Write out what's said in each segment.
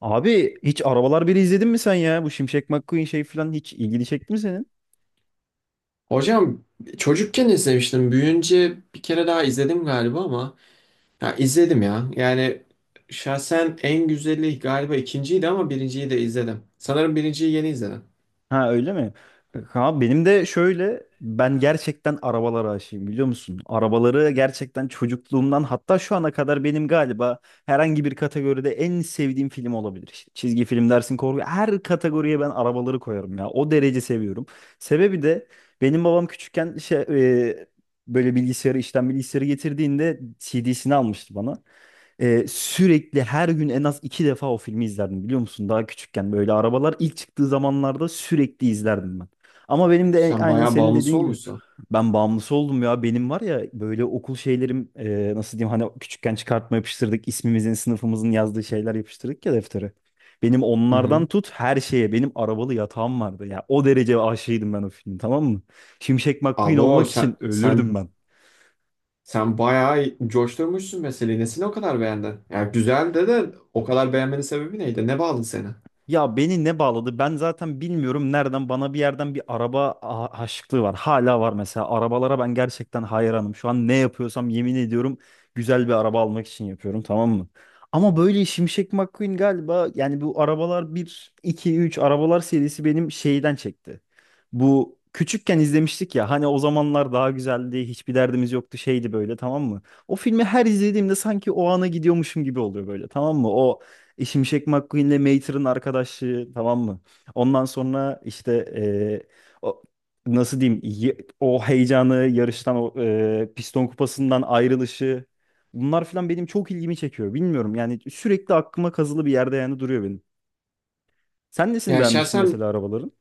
Abi hiç Arabalar biri izledin mi sen ya? Bu Şimşek McQueen şey falan hiç ilgini çekti mi senin? Hocam çocukken izlemiştim. Büyüyünce bir kere daha izledim galiba ama ya izledim ya. Yani şahsen en güzeli galiba ikinciydi ama birinciyi de izledim. Sanırım birinciyi yeni izledim. Ha öyle mi? Bak Abi benim de şöyle ben gerçekten arabalara aşığım biliyor musun? Arabaları gerçekten çocukluğumdan hatta şu ana kadar benim galiba herhangi bir kategoride en sevdiğim film olabilir. İşte çizgi film dersin korku her kategoriye ben arabaları koyarım ya. O derece seviyorum. Sebebi de benim babam küçükken e, böyle bilgisayarı işten bilgisayarı getirdiğinde CD'sini almıştı bana. Sürekli her gün en az iki defa o filmi izlerdim biliyor musun? Daha küçükken böyle arabalar ilk çıktığı zamanlarda sürekli izlerdim ben. Ama benim de Sen aynen bayağı senin bağımlısı dediğin gibi olmuşsun. ben bağımlısı oldum ya. Benim var ya böyle okul şeylerim nasıl diyeyim hani küçükken çıkartma yapıştırdık ismimizin sınıfımızın yazdığı şeyler yapıştırdık ya deftere. Benim Hı onlardan hı. tut her şeye benim arabalı yatağım vardı ya. O derece aşığıydım ben o filmin, tamam mı? Şimşek McQueen Abo olmak sen için ölürdüm sen ben. sen bayağı coşturmuşsun meseleyi. Nesini o kadar beğendin? Yani güzeldi de o kadar beğenmenin sebebi neydi? Ne bağladı seni? Ya beni ne bağladı? Ben zaten bilmiyorum nereden, bana bir yerden bir aşıklığı var. Hala var mesela. Arabalara ben gerçekten hayranım. Şu an ne yapıyorsam yemin ediyorum güzel bir araba almak için yapıyorum, tamam mı? Ama böyle Şimşek McQueen galiba, yani bu arabalar bir 2 3 arabalar serisi benim şeyden çekti. Bu küçükken izlemiştik ya, hani o zamanlar daha güzeldi, hiçbir derdimiz yoktu, şeydi böyle, tamam mı? O filmi her izlediğimde sanki o ana gidiyormuşum gibi oluyor böyle, tamam mı? Şimşek McQueen'le Mater'ın arkadaşlığı, tamam mı? Ondan sonra o, nasıl diyeyim, o heyecanı yarıştan, o piston kupasından ayrılışı, bunlar falan benim çok ilgimi çekiyor. Bilmiyorum yani, sürekli aklıma kazılı bir yerde yani duruyor benim. Sen nesini Yani beğenmiştin şahsen mesela arabaların?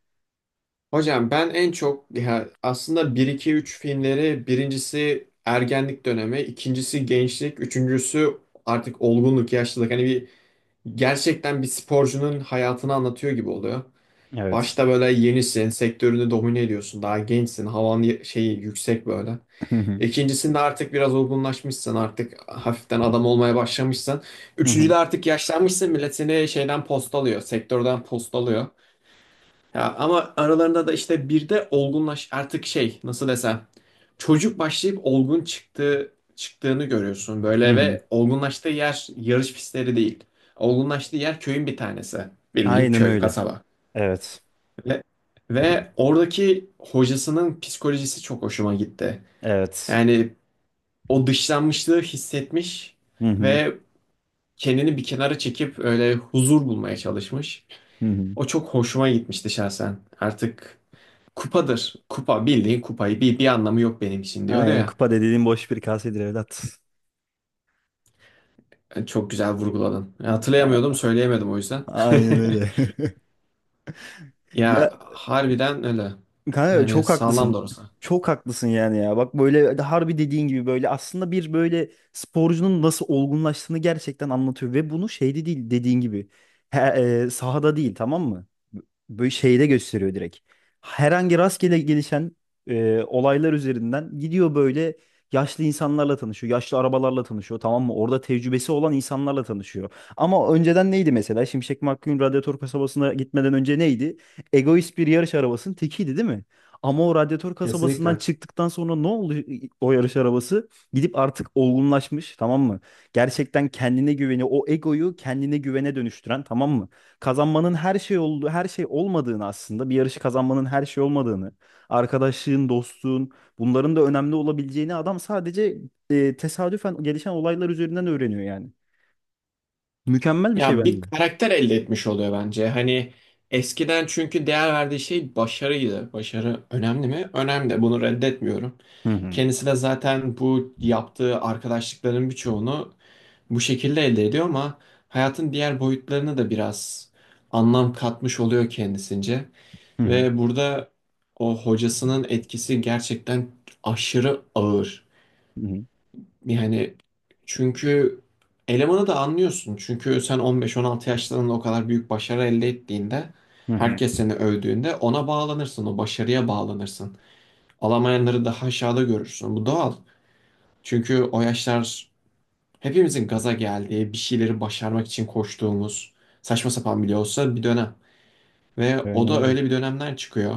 hocam ben en çok ya aslında bir iki üç filmleri, birincisi ergenlik dönemi, ikincisi gençlik, üçüncüsü artık olgunluk, yaşlılık. Hani bir gerçekten bir sporcunun hayatını anlatıyor gibi oluyor. Evet. Başta böyle yenisin, sektörünü domine ediyorsun, daha gençsin, havan şeyi yüksek böyle. İkincisinde artık biraz olgunlaşmışsın, artık hafiften adam olmaya başlamışsın. Üçüncüde artık yaşlanmışsın, millet seni şeyden postalıyor, sektörden postalıyor. Ya ama aralarında da işte bir de olgunlaş artık şey, nasıl desem, çocuk başlayıp olgun çıktığını görüyorsun Hı böyle hı. ve olgunlaştığı yer yarış pistleri değil. Olgunlaştığı yer köyün bir tanesi. Bildiğin Aynen köy, öyle. kasaba. Evet. Ve, ve oradaki hocasının psikolojisi çok hoşuma gitti. Evet. Yani o dışlanmışlığı hissetmiş Hı hı. ve kendini bir kenara çekip öyle huzur bulmaya çalışmış. Hı hı. O çok hoşuma gitmişti şahsen. Artık kupadır. Kupa, bildiğin kupayı, bir anlamı yok benim için diyordu Aynen, ya. kupa dediğin boş bir kasedir evlat. Yani çok güzel vurguladın. Ya hatırlayamıyordum, A- söyleyemedim o yüzden. Aynen öyle. Ya Ya harbiden öyle. kanka Yani çok haklısın. sağlam da orası. Çok haklısın yani ya. Bak böyle harbi dediğin gibi böyle aslında bir böyle sporcunun nasıl olgunlaştığını gerçekten anlatıyor. Ve bunu şeyde değil dediğin gibi. He, Sahada değil, tamam mı? Böyle şeyde gösteriyor direkt. Herhangi rastgele gelişen olaylar üzerinden gidiyor böyle, yaşlı insanlarla tanışıyor. Yaşlı arabalarla tanışıyor, tamam mı? Orada tecrübesi olan insanlarla tanışıyor. Ama önceden neydi mesela? Şimşek McQueen Radyatör kasabasına gitmeden önce neydi? Egoist bir yarış arabasının tekiydi değil mi? Ama o radyatör kasabasından Kesinlikle. çıktıktan sonra ne oldu o yarış arabası? Gidip artık olgunlaşmış, tamam mı? Gerçekten kendine güveni, o egoyu kendine güvene dönüştüren, tamam mı? Kazanmanın her şey olduğu, her şey olmadığını, aslında bir yarışı kazanmanın her şey olmadığını, arkadaşlığın, dostluğun bunların da önemli olabileceğini adam sadece tesadüfen gelişen olaylar üzerinden öğreniyor yani. Mükemmel bir şey Ya bence bir bu. karakter elde etmiş oluyor bence. Hani eskiden çünkü değer verdiği şey başarıydı. Başarı önemli mi? Önemli. Bunu reddetmiyorum. Hı hı. Kendisi de zaten bu yaptığı arkadaşlıkların birçoğunu bu şekilde elde ediyor ama hayatın diğer boyutlarına da biraz anlam katmış oluyor kendisince. Hı hı. Ve burada o hocasının etkisi gerçekten aşırı ağır. Hı hı. Yani çünkü elemanı da anlıyorsun. Çünkü sen 15-16 yaşlarında o kadar büyük başarı elde ettiğinde Hı hı. herkes seni övdüğünde ona bağlanırsın, o başarıya bağlanırsın. Alamayanları daha aşağıda görürsün. Bu doğal. Çünkü o yaşlar hepimizin gaza geldiği, bir şeyleri başarmak için koştuğumuz, saçma sapan bile olsa bir dönem. Ve o Aynen da öyle. öyle bir dönemden çıkıyor.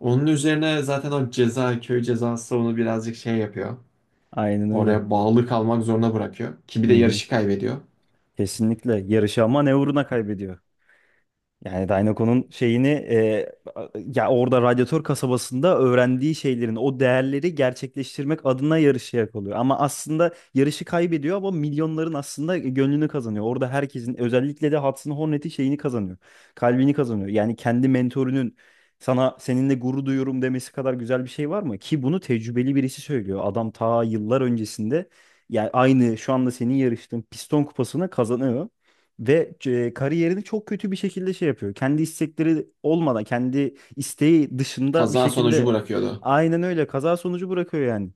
Onun üzerine zaten o ceza, köy cezası onu birazcık şey yapıyor. Aynen öyle. Oraya bağlı kalmak zorunda bırakıyor. Ki bir Hı de hı. yarışı kaybediyor. Kesinlikle yarışı, ama ne uğruna kaybediyor. Yani Dynaco'nun şeyini e, Ya orada radyatör kasabasında öğrendiği şeylerin o değerleri gerçekleştirmek adına yarışıya kalıyor. Ama aslında yarışı kaybediyor, ama milyonların aslında gönlünü kazanıyor. Orada herkesin, özellikle de Hudson Hornet'in şeyini kazanıyor. Kalbini kazanıyor. Yani kendi mentorunun sana "seninle gurur duyuyorum" demesi kadar güzel bir şey var mı? Ki bunu tecrübeli birisi söylüyor. Adam ta yıllar öncesinde yani aynı şu anda senin yarıştığın piston kupasını kazanıyor. Ve kariyerini çok kötü bir şekilde şey yapıyor. Kendi istekleri olmadan, kendi isteği dışında bir Kaza sonucu şekilde bırakıyordu. aynen öyle kaza sonucu bırakıyor yani.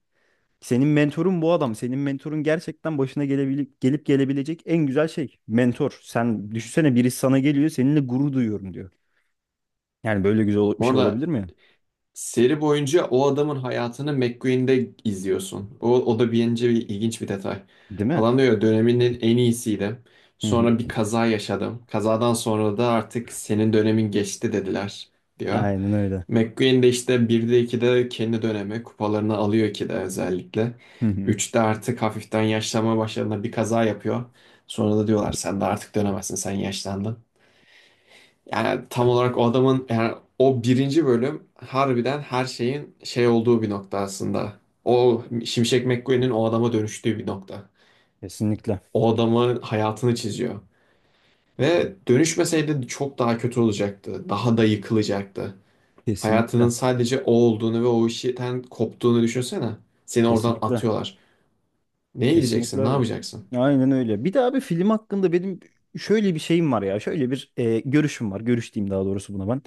Senin mentorun bu adam. Senin mentorun gerçekten başına gelip gelebilecek en güzel şey. Mentor. Sen düşünsene, birisi sana geliyor, seninle gurur duyuyorum diyor. Yani böyle güzel bir Bu şey arada olabilir mi? seri boyunca o adamın hayatını McQueen'de izliyorsun. O da bence bir ilginç bir detay. Değil mi? Adam diyor döneminin en iyisiydim. Hı hı. Sonra bir kaza yaşadım. Kazadan sonra da artık senin dönemin geçti dediler diyor. Aynen öyle. McQueen de işte 1'de 2'de kendi dönemi kupalarını alıyor ki de özellikle. Hı hı. Üçte artık hafiften yaşlanma başladığında bir kaza yapıyor. Sonra da diyorlar sen de artık dönemezsin, sen yaşlandın. Yani tam olarak o adamın, yani o birinci bölüm harbiden her şeyin şey olduğu bir nokta aslında. O Şimşek McQueen'in o adama dönüştüğü bir nokta. Kesinlikle. O adamın hayatını çiziyor. Ve dönüşmeseydi çok daha kötü olacaktı. Daha da yıkılacaktı. Hayatının Kesinlikle. sadece o olduğunu ve o işten koptuğunu düşünsene. Seni oradan Kesinlikle. atıyorlar. Neye Kesinlikle gideceksin? Ne abi. yapacaksın? Aynen öyle. Bir de abi, film hakkında benim şöyle bir şeyim var ya. Şöyle bir görüşüm var. Görüş diyeyim daha doğrusu buna ben.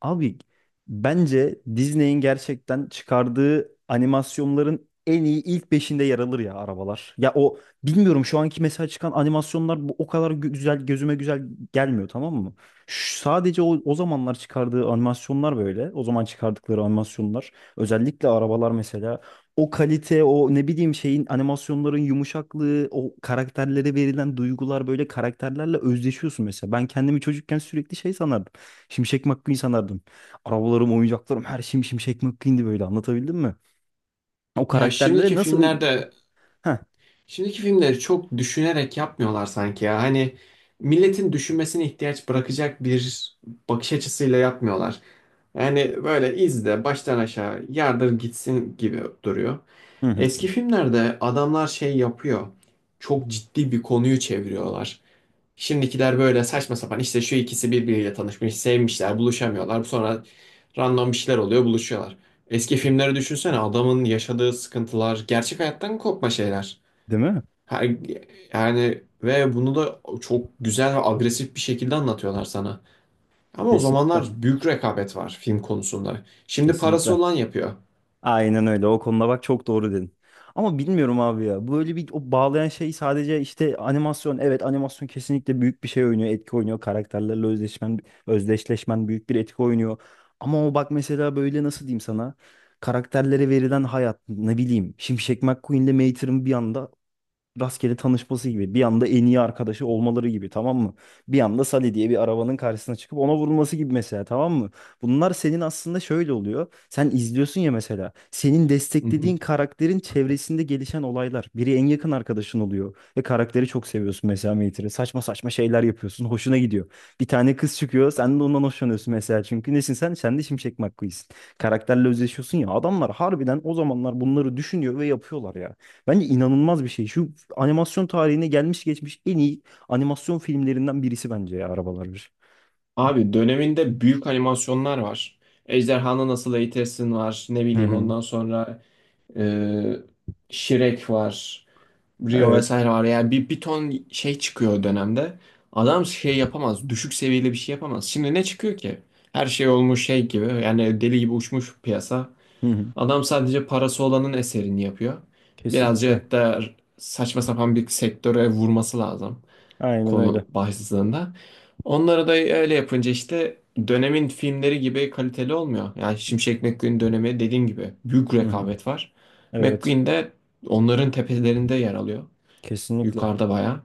Abi, bence Disney'in gerçekten çıkardığı animasyonların en iyi ilk beşinde yer alır ya Arabalar. Ya o, bilmiyorum, şu anki mesela çıkan animasyonlar bu o kadar güzel, gözüme güzel gelmiyor, tamam mı? Sadece o zamanlar çıkardığı animasyonlar böyle. O zaman çıkardıkları animasyonlar. Özellikle Arabalar mesela, o kalite, o ne bileyim şeyin animasyonların yumuşaklığı, o karakterlere verilen duygular, böyle karakterlerle özdeşiyorsun mesela. Ben kendimi çocukken sürekli şey sanardım. Şimşek McQueen sanardım. Arabalarım, oyuncaklarım, her şeyim Şimşek McQueen'di böyle, anlatabildim mi? O Ya karakterlere şimdiki nasıl... filmlerde, Heh. şimdiki filmleri çok düşünerek yapmıyorlar sanki ya. Hani milletin düşünmesine ihtiyaç bırakacak bir bakış açısıyla yapmıyorlar. Yani böyle izle baştan aşağı yardır gitsin gibi duruyor. Hı hı. Eski filmlerde adamlar şey yapıyor. Çok ciddi bir konuyu çeviriyorlar. Şimdikiler böyle saçma sapan, işte şu ikisi birbiriyle tanışmış, sevmişler, buluşamıyorlar. Sonra random bir şeyler oluyor, buluşuyorlar. Eski filmleri düşünsene, adamın yaşadığı sıkıntılar, gerçek hayattan kopma şeyler. Değil mi? Ha- Yani ve bunu da çok güzel ve agresif bir şekilde anlatıyorlar sana. Ama o Kesinlikle. zamanlar büyük rekabet var film konusunda. Şimdi parası Kesinlikle. olan yapıyor. Aynen öyle. O konuda bak çok doğru dedin. Ama bilmiyorum abi ya. Böyle bir o bağlayan şey sadece işte animasyon. Evet, animasyon kesinlikle büyük bir şey oynuyor. Etki oynuyor. Özdeşleşmen büyük bir etki oynuyor. Ama o bak mesela böyle, nasıl diyeyim sana. Karakterlere verilen hayat ne bileyim. Şimşek McQueen'le Mater'ın bir anda rastgele tanışması gibi. Bir anda en iyi arkadaşı olmaları gibi, tamam mı? Bir anda Sally diye bir arabanın karşısına çıkıp ona vurulması gibi mesela, tamam mı? Bunlar senin aslında şöyle oluyor. Sen izliyorsun ya mesela. Senin Hı hı. desteklediğin karakterin çevresinde gelişen olaylar. Biri en yakın arkadaşın oluyor. Ve karakteri çok seviyorsun, mesela Mater'ı. Saçma saçma şeyler yapıyorsun. Hoşuna gidiyor. Bir tane kız çıkıyor. Sen de ondan hoşlanıyorsun mesela. Çünkü nesin sen? Sen de Şimşek McQueen'sin. Karakterle özleşiyorsun ya. Adamlar harbiden o zamanlar bunları düşünüyor ve yapıyorlar ya. Bence inanılmaz bir şey. Şu animasyon tarihine gelmiş geçmiş en iyi animasyon filmlerinden birisi bence ya, Arabalar bir. Abi döneminde büyük animasyonlar var. Ejderhanı Nasıl Eğitirsin var. Ne Hı bileyim, hı. ondan sonra e, Shrek var. Rio Evet. vesaire var. Yani bir ton şey çıkıyor o dönemde. Adam şey yapamaz. Düşük seviyeli bir şey yapamaz. Şimdi ne çıkıyor ki? Her şey olmuş şey gibi. Yani deli gibi uçmuş piyasa. Hı hı. Adam sadece parası olanın eserini yapıyor. Kesinlikle. Birazcık da saçma sapan bir sektöre vurması lazım Aynen öyle. konu başlığında. Onları da öyle yapınca işte dönemin filmleri gibi kaliteli olmuyor. Yani Şimşek McQueen dönemi dediğim gibi büyük Hı hı. rekabet var. Evet. McQueen de onların tepelerinde yer alıyor. Kesinlikle. Yukarıda bayağı.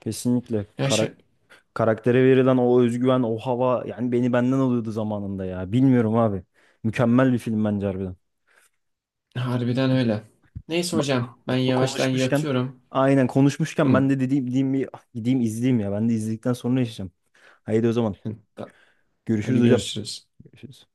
Kesinlikle. Ya şey- Karaktere verilen o özgüven, o hava, yani beni benden alıyordu zamanında ya. Bilmiyorum abi. Mükemmel bir film bence, harbiden. Harbiden öyle. Neyse Ba- hocam ben yavaştan Konuşmuşken, yatıyorum. aynen konuşmuşken, ben Hım. de dediğim bir ah, gideyim izleyeyim ya. Ben de izledikten sonra yaşayacağım. Haydi o zaman. Görüşürüz Hadi hocam. görüşürüz. Görüşürüz.